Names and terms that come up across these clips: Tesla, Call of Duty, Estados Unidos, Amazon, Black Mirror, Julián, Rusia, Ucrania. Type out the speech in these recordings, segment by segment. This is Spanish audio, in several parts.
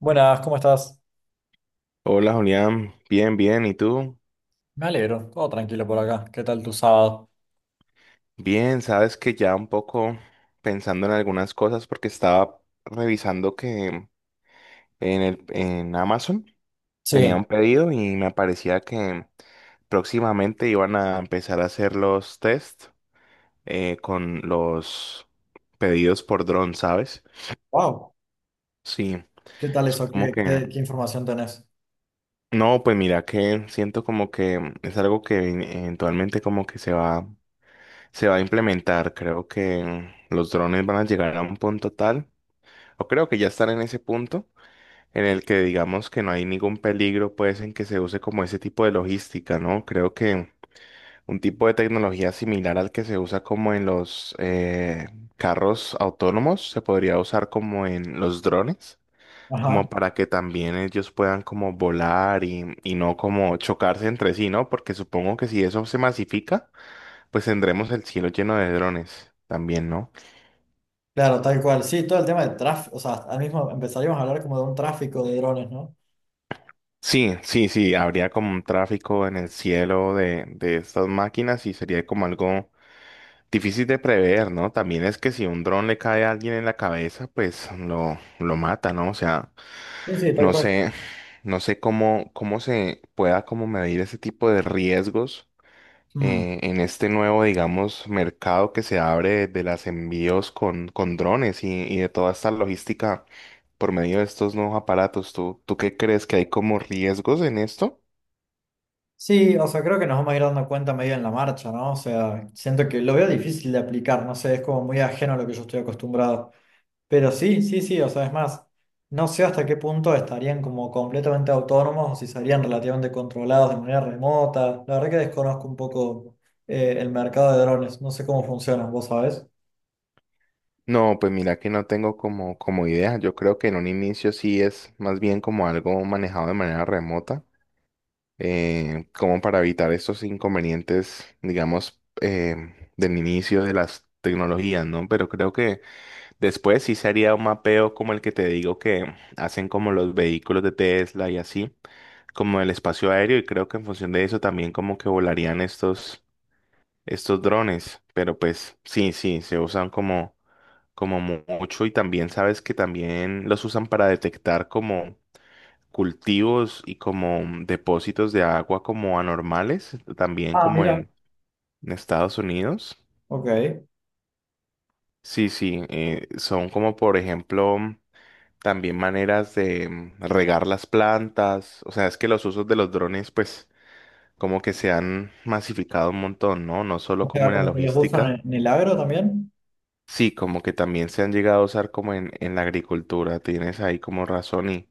Buenas, ¿cómo estás? Hola Julián, bien, bien, ¿y tú? Me alegro, todo tranquilo por acá. ¿Qué tal tu sábado? Bien, sabes que ya un poco pensando en algunas cosas porque estaba revisando que en Amazon ¿Qué Sí. tenía tal? un pedido y me parecía que próximamente iban a empezar a hacer los test con los pedidos por dron, ¿sabes? Wow, Sí, ¿qué tal es eso? como ¿Qué, que, qué- qué información tenés? no, pues mira que siento como que es algo que eventualmente como que se va a implementar. Creo que los drones van a llegar a un punto tal, o creo que ya están en ese punto, en el que digamos que no hay ningún peligro, pues, en que se use como ese tipo de logística, ¿no? Creo que un tipo de tecnología similar al que se usa como en los carros autónomos, se podría usar como en los drones, Ajá. como para que también ellos puedan como volar y no como chocarse entre sí, ¿no? Porque supongo que si eso se masifica, pues tendremos el cielo lleno de drones también, ¿no? Claro, tal cual. Sí, todo el tema del tráfico, o sea, al mismo empezaríamos a hablar como de un tráfico de drones, ¿no? Sí, sí, sí, habría como un tráfico en el cielo de estas máquinas y sería como algo difícil de prever, ¿no? También es que si un dron le cae a alguien en la cabeza, pues lo mata, ¿no? O sea, Sí, sí, tal no cual. sé, no sé cómo, cómo se pueda como medir ese tipo de riesgos Mm. En este nuevo, digamos, mercado que se abre de los envíos con drones y de toda esta logística por medio de estos nuevos aparatos. ¿Tú qué crees que hay como riesgos en esto? Sí, o sea, creo que nos vamos a ir dando cuenta medio en la marcha, ¿no? O sea, siento que lo veo difícil de aplicar, no sé, es como muy ajeno a lo que yo estoy acostumbrado. Pero sí, sí, sí, o sea, es más, no sé hasta qué punto estarían como completamente autónomos o si serían relativamente controlados de manera remota. La verdad que desconozco un poco el mercado de drones, no sé cómo funcionan, ¿vos sabés? No, pues mira que no tengo como, como idea. Yo creo que en un inicio sí es más bien como algo manejado de manera remota, como para evitar estos inconvenientes, digamos, del inicio de las tecnologías, ¿no? Pero creo que después sí sería un mapeo como el que te digo que hacen como los vehículos de Tesla y así, como el espacio aéreo y creo que en función de eso también como que volarían estos drones, pero pues sí, sí, se usan como como mucho y también sabes que también los usan para detectar como cultivos y como depósitos de agua como anormales, también Ah, como mira. En Estados Unidos. Ok. Sí, sí, son como por ejemplo también maneras de regar las plantas. O sea, es que los usos de los drones, pues, como que se han masificado un montón, ¿no? No solo O sea, como en la como que les usan logística. en el agro también. Sí, como que también se han llegado a usar como en la agricultura. Tienes ahí como razón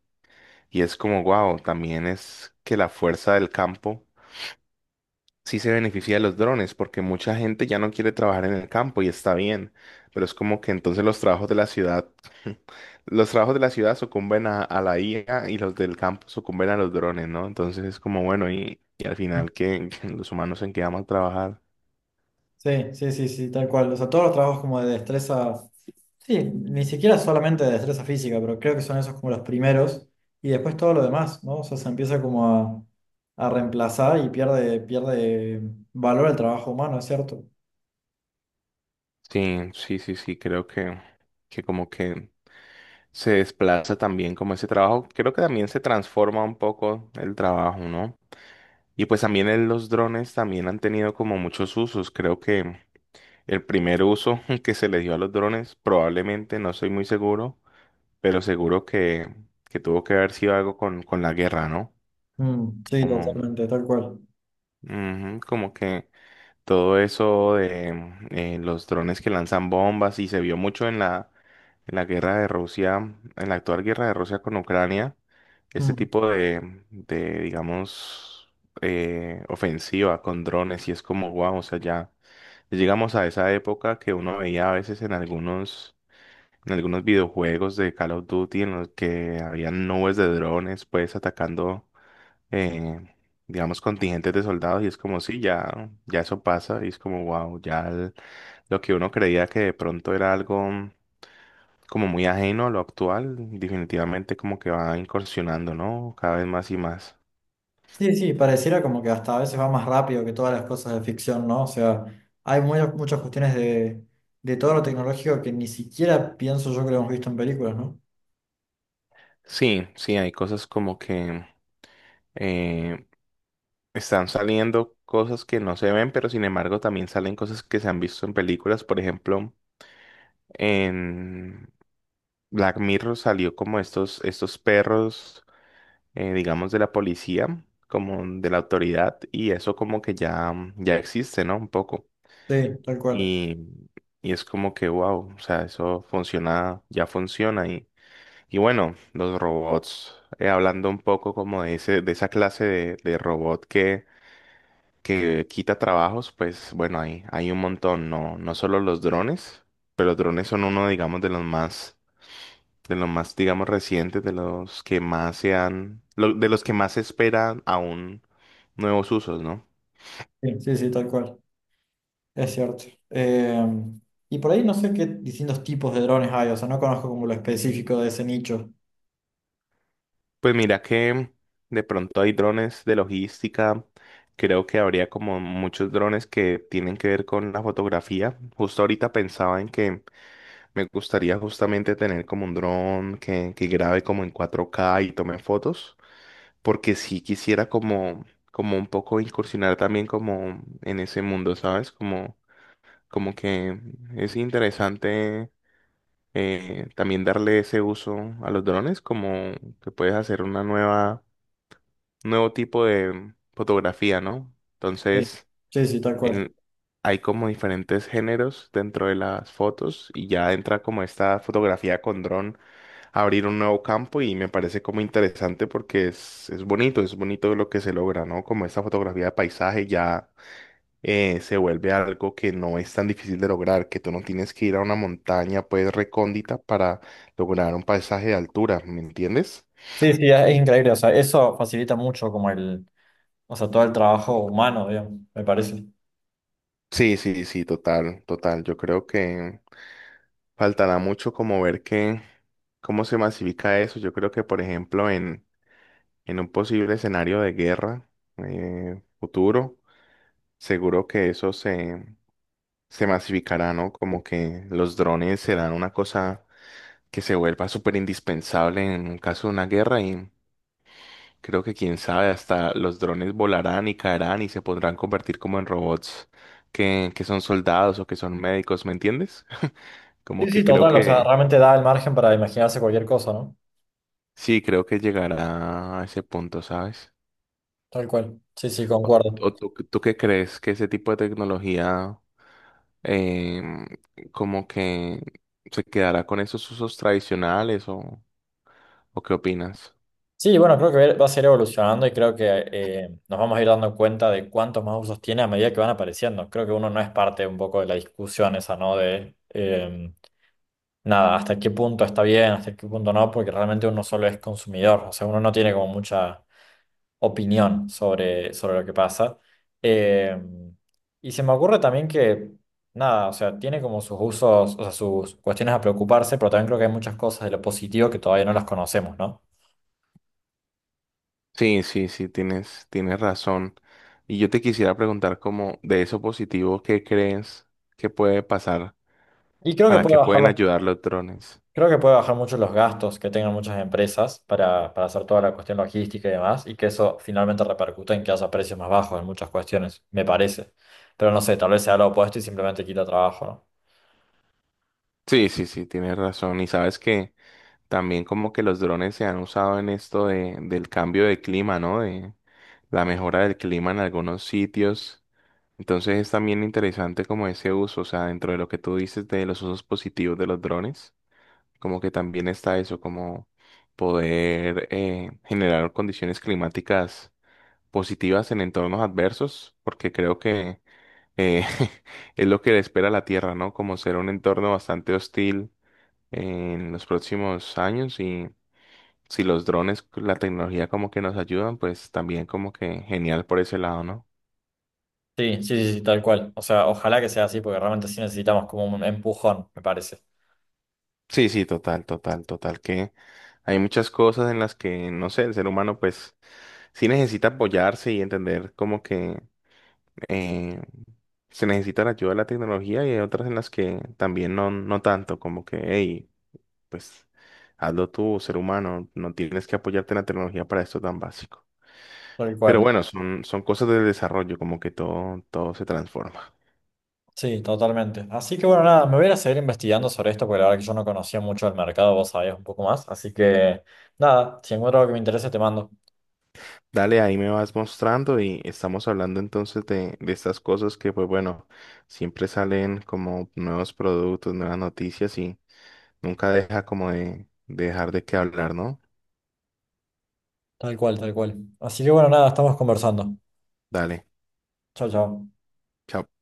y es como, wow, también es que la fuerza del campo sí se beneficia de los drones, porque mucha gente ya no quiere trabajar en el campo y está bien, pero es como que entonces los trabajos de la ciudad, los trabajos de la ciudad sucumben a la IA y los del campo sucumben a los drones, ¿no? Entonces es como, bueno, y al final que los humanos en qué vamos a trabajar. Sí, sí, sí, sí, tal cual. O sea, todos los trabajos como de destreza, sí, ni siquiera solamente de destreza física, pero creo que son esos como los primeros y después todo lo demás, ¿no? O sea, se empieza como a reemplazar y pierde valor el trabajo humano, ¿es cierto? Sí, sí, sí, sí, creo que como que se desplaza también como ese trabajo, creo que también se transforma un poco el trabajo, ¿no? Y pues también los drones también han tenido como muchos usos, creo que el primer uso que se le dio a los drones, probablemente, no soy muy seguro, pero seguro que tuvo que haber sido algo con la guerra, ¿no? Mm, sí, Como, totalmente, tal cual. ujú, como que todo eso de los drones que lanzan bombas y se vio mucho en en la guerra de Rusia, en la actual guerra de Rusia con Ucrania, este Mm. tipo de digamos, ofensiva con drones y es como, wow, o sea, ya llegamos a esa época que uno veía a veces en algunos videojuegos de Call of Duty en los que habían nubes de drones, pues atacando, eh, digamos, contingentes de soldados y es como, sí, ya, ya eso pasa y es como, wow, lo que uno creía que de pronto era algo como muy ajeno a lo actual, definitivamente como que va incursionando, ¿no? Cada vez más y más. Sí, sí, pareciera como que hasta a veces va más rápido que todas las cosas de ficción, ¿no? O sea, hay muchas cuestiones de todo lo tecnológico que ni siquiera pienso yo que lo hemos visto en películas, ¿no? Sí, sí, hay cosas como que eh, están saliendo cosas que no se ven, pero sin embargo también salen cosas que se han visto en películas, por ejemplo. En Black Mirror salió como estos perros, digamos, de la policía, como de la autoridad, y eso como que ya, ya existe, ¿no? Un poco. Sí, tal cual. Y, y es como que, wow, o sea, eso funciona, ya funciona. Y bueno, los robots, hablando un poco como de ese, de esa clase de robot que quita trabajos, pues bueno, hay un montón, no, no solo los drones, pero los drones son uno, digamos, de los más, digamos, recientes, de los que más se han, de los que más se esperan aún nuevos usos, ¿no? Sí, sí, sí, tal cual, es cierto. Y por ahí no sé qué distintos tipos de drones hay, o sea, no conozco como lo específico de ese nicho. Pues mira que de pronto hay drones de logística, creo que habría como muchos drones que tienen que ver con la fotografía. Justo ahorita pensaba en que me gustaría justamente tener como un dron que grabe como en 4K y tome fotos, porque sí quisiera como, como un poco incursionar también como en ese mundo, ¿sabes? Como como que es interesante también darle ese uso a los drones, como que puedes hacer una nueva, nuevo tipo de fotografía, ¿no? Sí, Entonces, sí, sí, tal cual. en- hay como diferentes géneros dentro de las fotos y ya entra como esta fotografía con dron a abrir un nuevo campo y me parece como interesante porque es bonito lo que se logra, ¿no? Como esta fotografía de paisaje ya se vuelve algo que no es tan difícil de lograr, que tú no tienes que ir a una montaña pues recóndita para lograr un paisaje de altura, ¿me entiendes? Sí, sí, es increíble, o sea, eso facilita mucho como el, o sea, todo el trabajo humano, digamos, me parece. Sí, sí, sí, total, total. Yo creo que faltará mucho como ver que, cómo se masifica eso. Yo creo que, por ejemplo, en un posible escenario de guerra futuro, seguro que se masificará, ¿no? Como que los drones serán una cosa que se vuelva súper indispensable en caso de una guerra y creo que quién sabe, hasta los drones volarán y caerán y se podrán convertir como en robots que son soldados o que son médicos, ¿me entiendes? Como Sí, que sí, creo total, o sea, que realmente da el margen para imaginarse cualquier cosa, ¿no? sí, creo que llegará a ese punto, ¿sabes? Tal cual. Sí, sí, ¿O, concuerdo. o tú qué crees que ese tipo de tecnología em, como que se quedará con esos usos tradicionales o qué opinas? Sí, bueno, creo que va a ser evolucionando y creo que nos vamos a ir dando cuenta de cuántos más usos tiene a medida que van apareciendo. Creo que uno no es parte un poco de la discusión esa, ¿no? De nada, hasta qué punto está bien, hasta qué punto no, porque realmente uno solo es consumidor, o sea, uno no tiene como mucha opinión sobre, sobre lo que pasa. Eh, y se me ocurre también que, nada, o sea, tiene como sus usos, o sea, sus cuestiones a preocuparse, pero también creo que hay muchas cosas de lo positivo que todavía no las conocemos, ¿no? Sí, sí, sí, tienes, tienes razón. Y yo te quisiera preguntar como de esos positivos, ¿qué crees que puede pasar? Y creo que ¿Para puede qué bajar pueden los- ayudar los drones? Creo que puede bajar mucho los gastos que tengan muchas empresas para hacer toda la cuestión logística y demás, y que eso finalmente repercute en que haya precios más bajos en muchas cuestiones, me parece. Pero no sé, tal vez sea lo opuesto y simplemente quita trabajo, ¿no? Sí, sí, sí, tienes razón. Y sabes que también como que los drones se han usado en esto del cambio de clima, ¿no? De la mejora del clima en algunos sitios. Entonces es también interesante como ese uso, o sea, dentro de lo que tú dices de los usos positivos de los drones. Como que también está eso, como poder generar condiciones climáticas positivas en entornos adversos, porque creo que eh, es lo que le espera a la Tierra, ¿no? Como ser un entorno bastante hostil en los próximos años y si los drones, la tecnología como que nos ayudan, pues también como que genial por ese lado, ¿no? Sí, sí, sí, sí, tal cual. O sea, ojalá que sea así, porque realmente sí necesitamos como un empujón, me parece. Sí, sí, total, total, total, que hay muchas cosas en las que, no sé, el ser humano pues sí necesita apoyarse y entender como que eh, se necesita la ayuda de la tecnología y hay otras en las que también no, no tanto, como que, hey, pues hazlo tú, ser humano, no tienes que apoyarte en la tecnología para esto tan básico. Tal Pero cual. bueno, son, son cosas del desarrollo, como que todo, todo se transforma. Sí, totalmente. Así que bueno, nada, me voy a ir a seguir investigando sobre esto, porque la verdad que yo no conocía mucho el mercado, vos sabías un poco más. Así que nada, si encuentro algo que me interese, te mando. Dale, ahí me vas mostrando y estamos hablando entonces de estas cosas que, pues bueno, siempre salen como nuevos productos, nuevas noticias y nunca deja como de dejar de qué hablar, ¿no? Tal cual, tal cual. Así que bueno, nada, estamos conversando. Dale, Chao, chao. chao.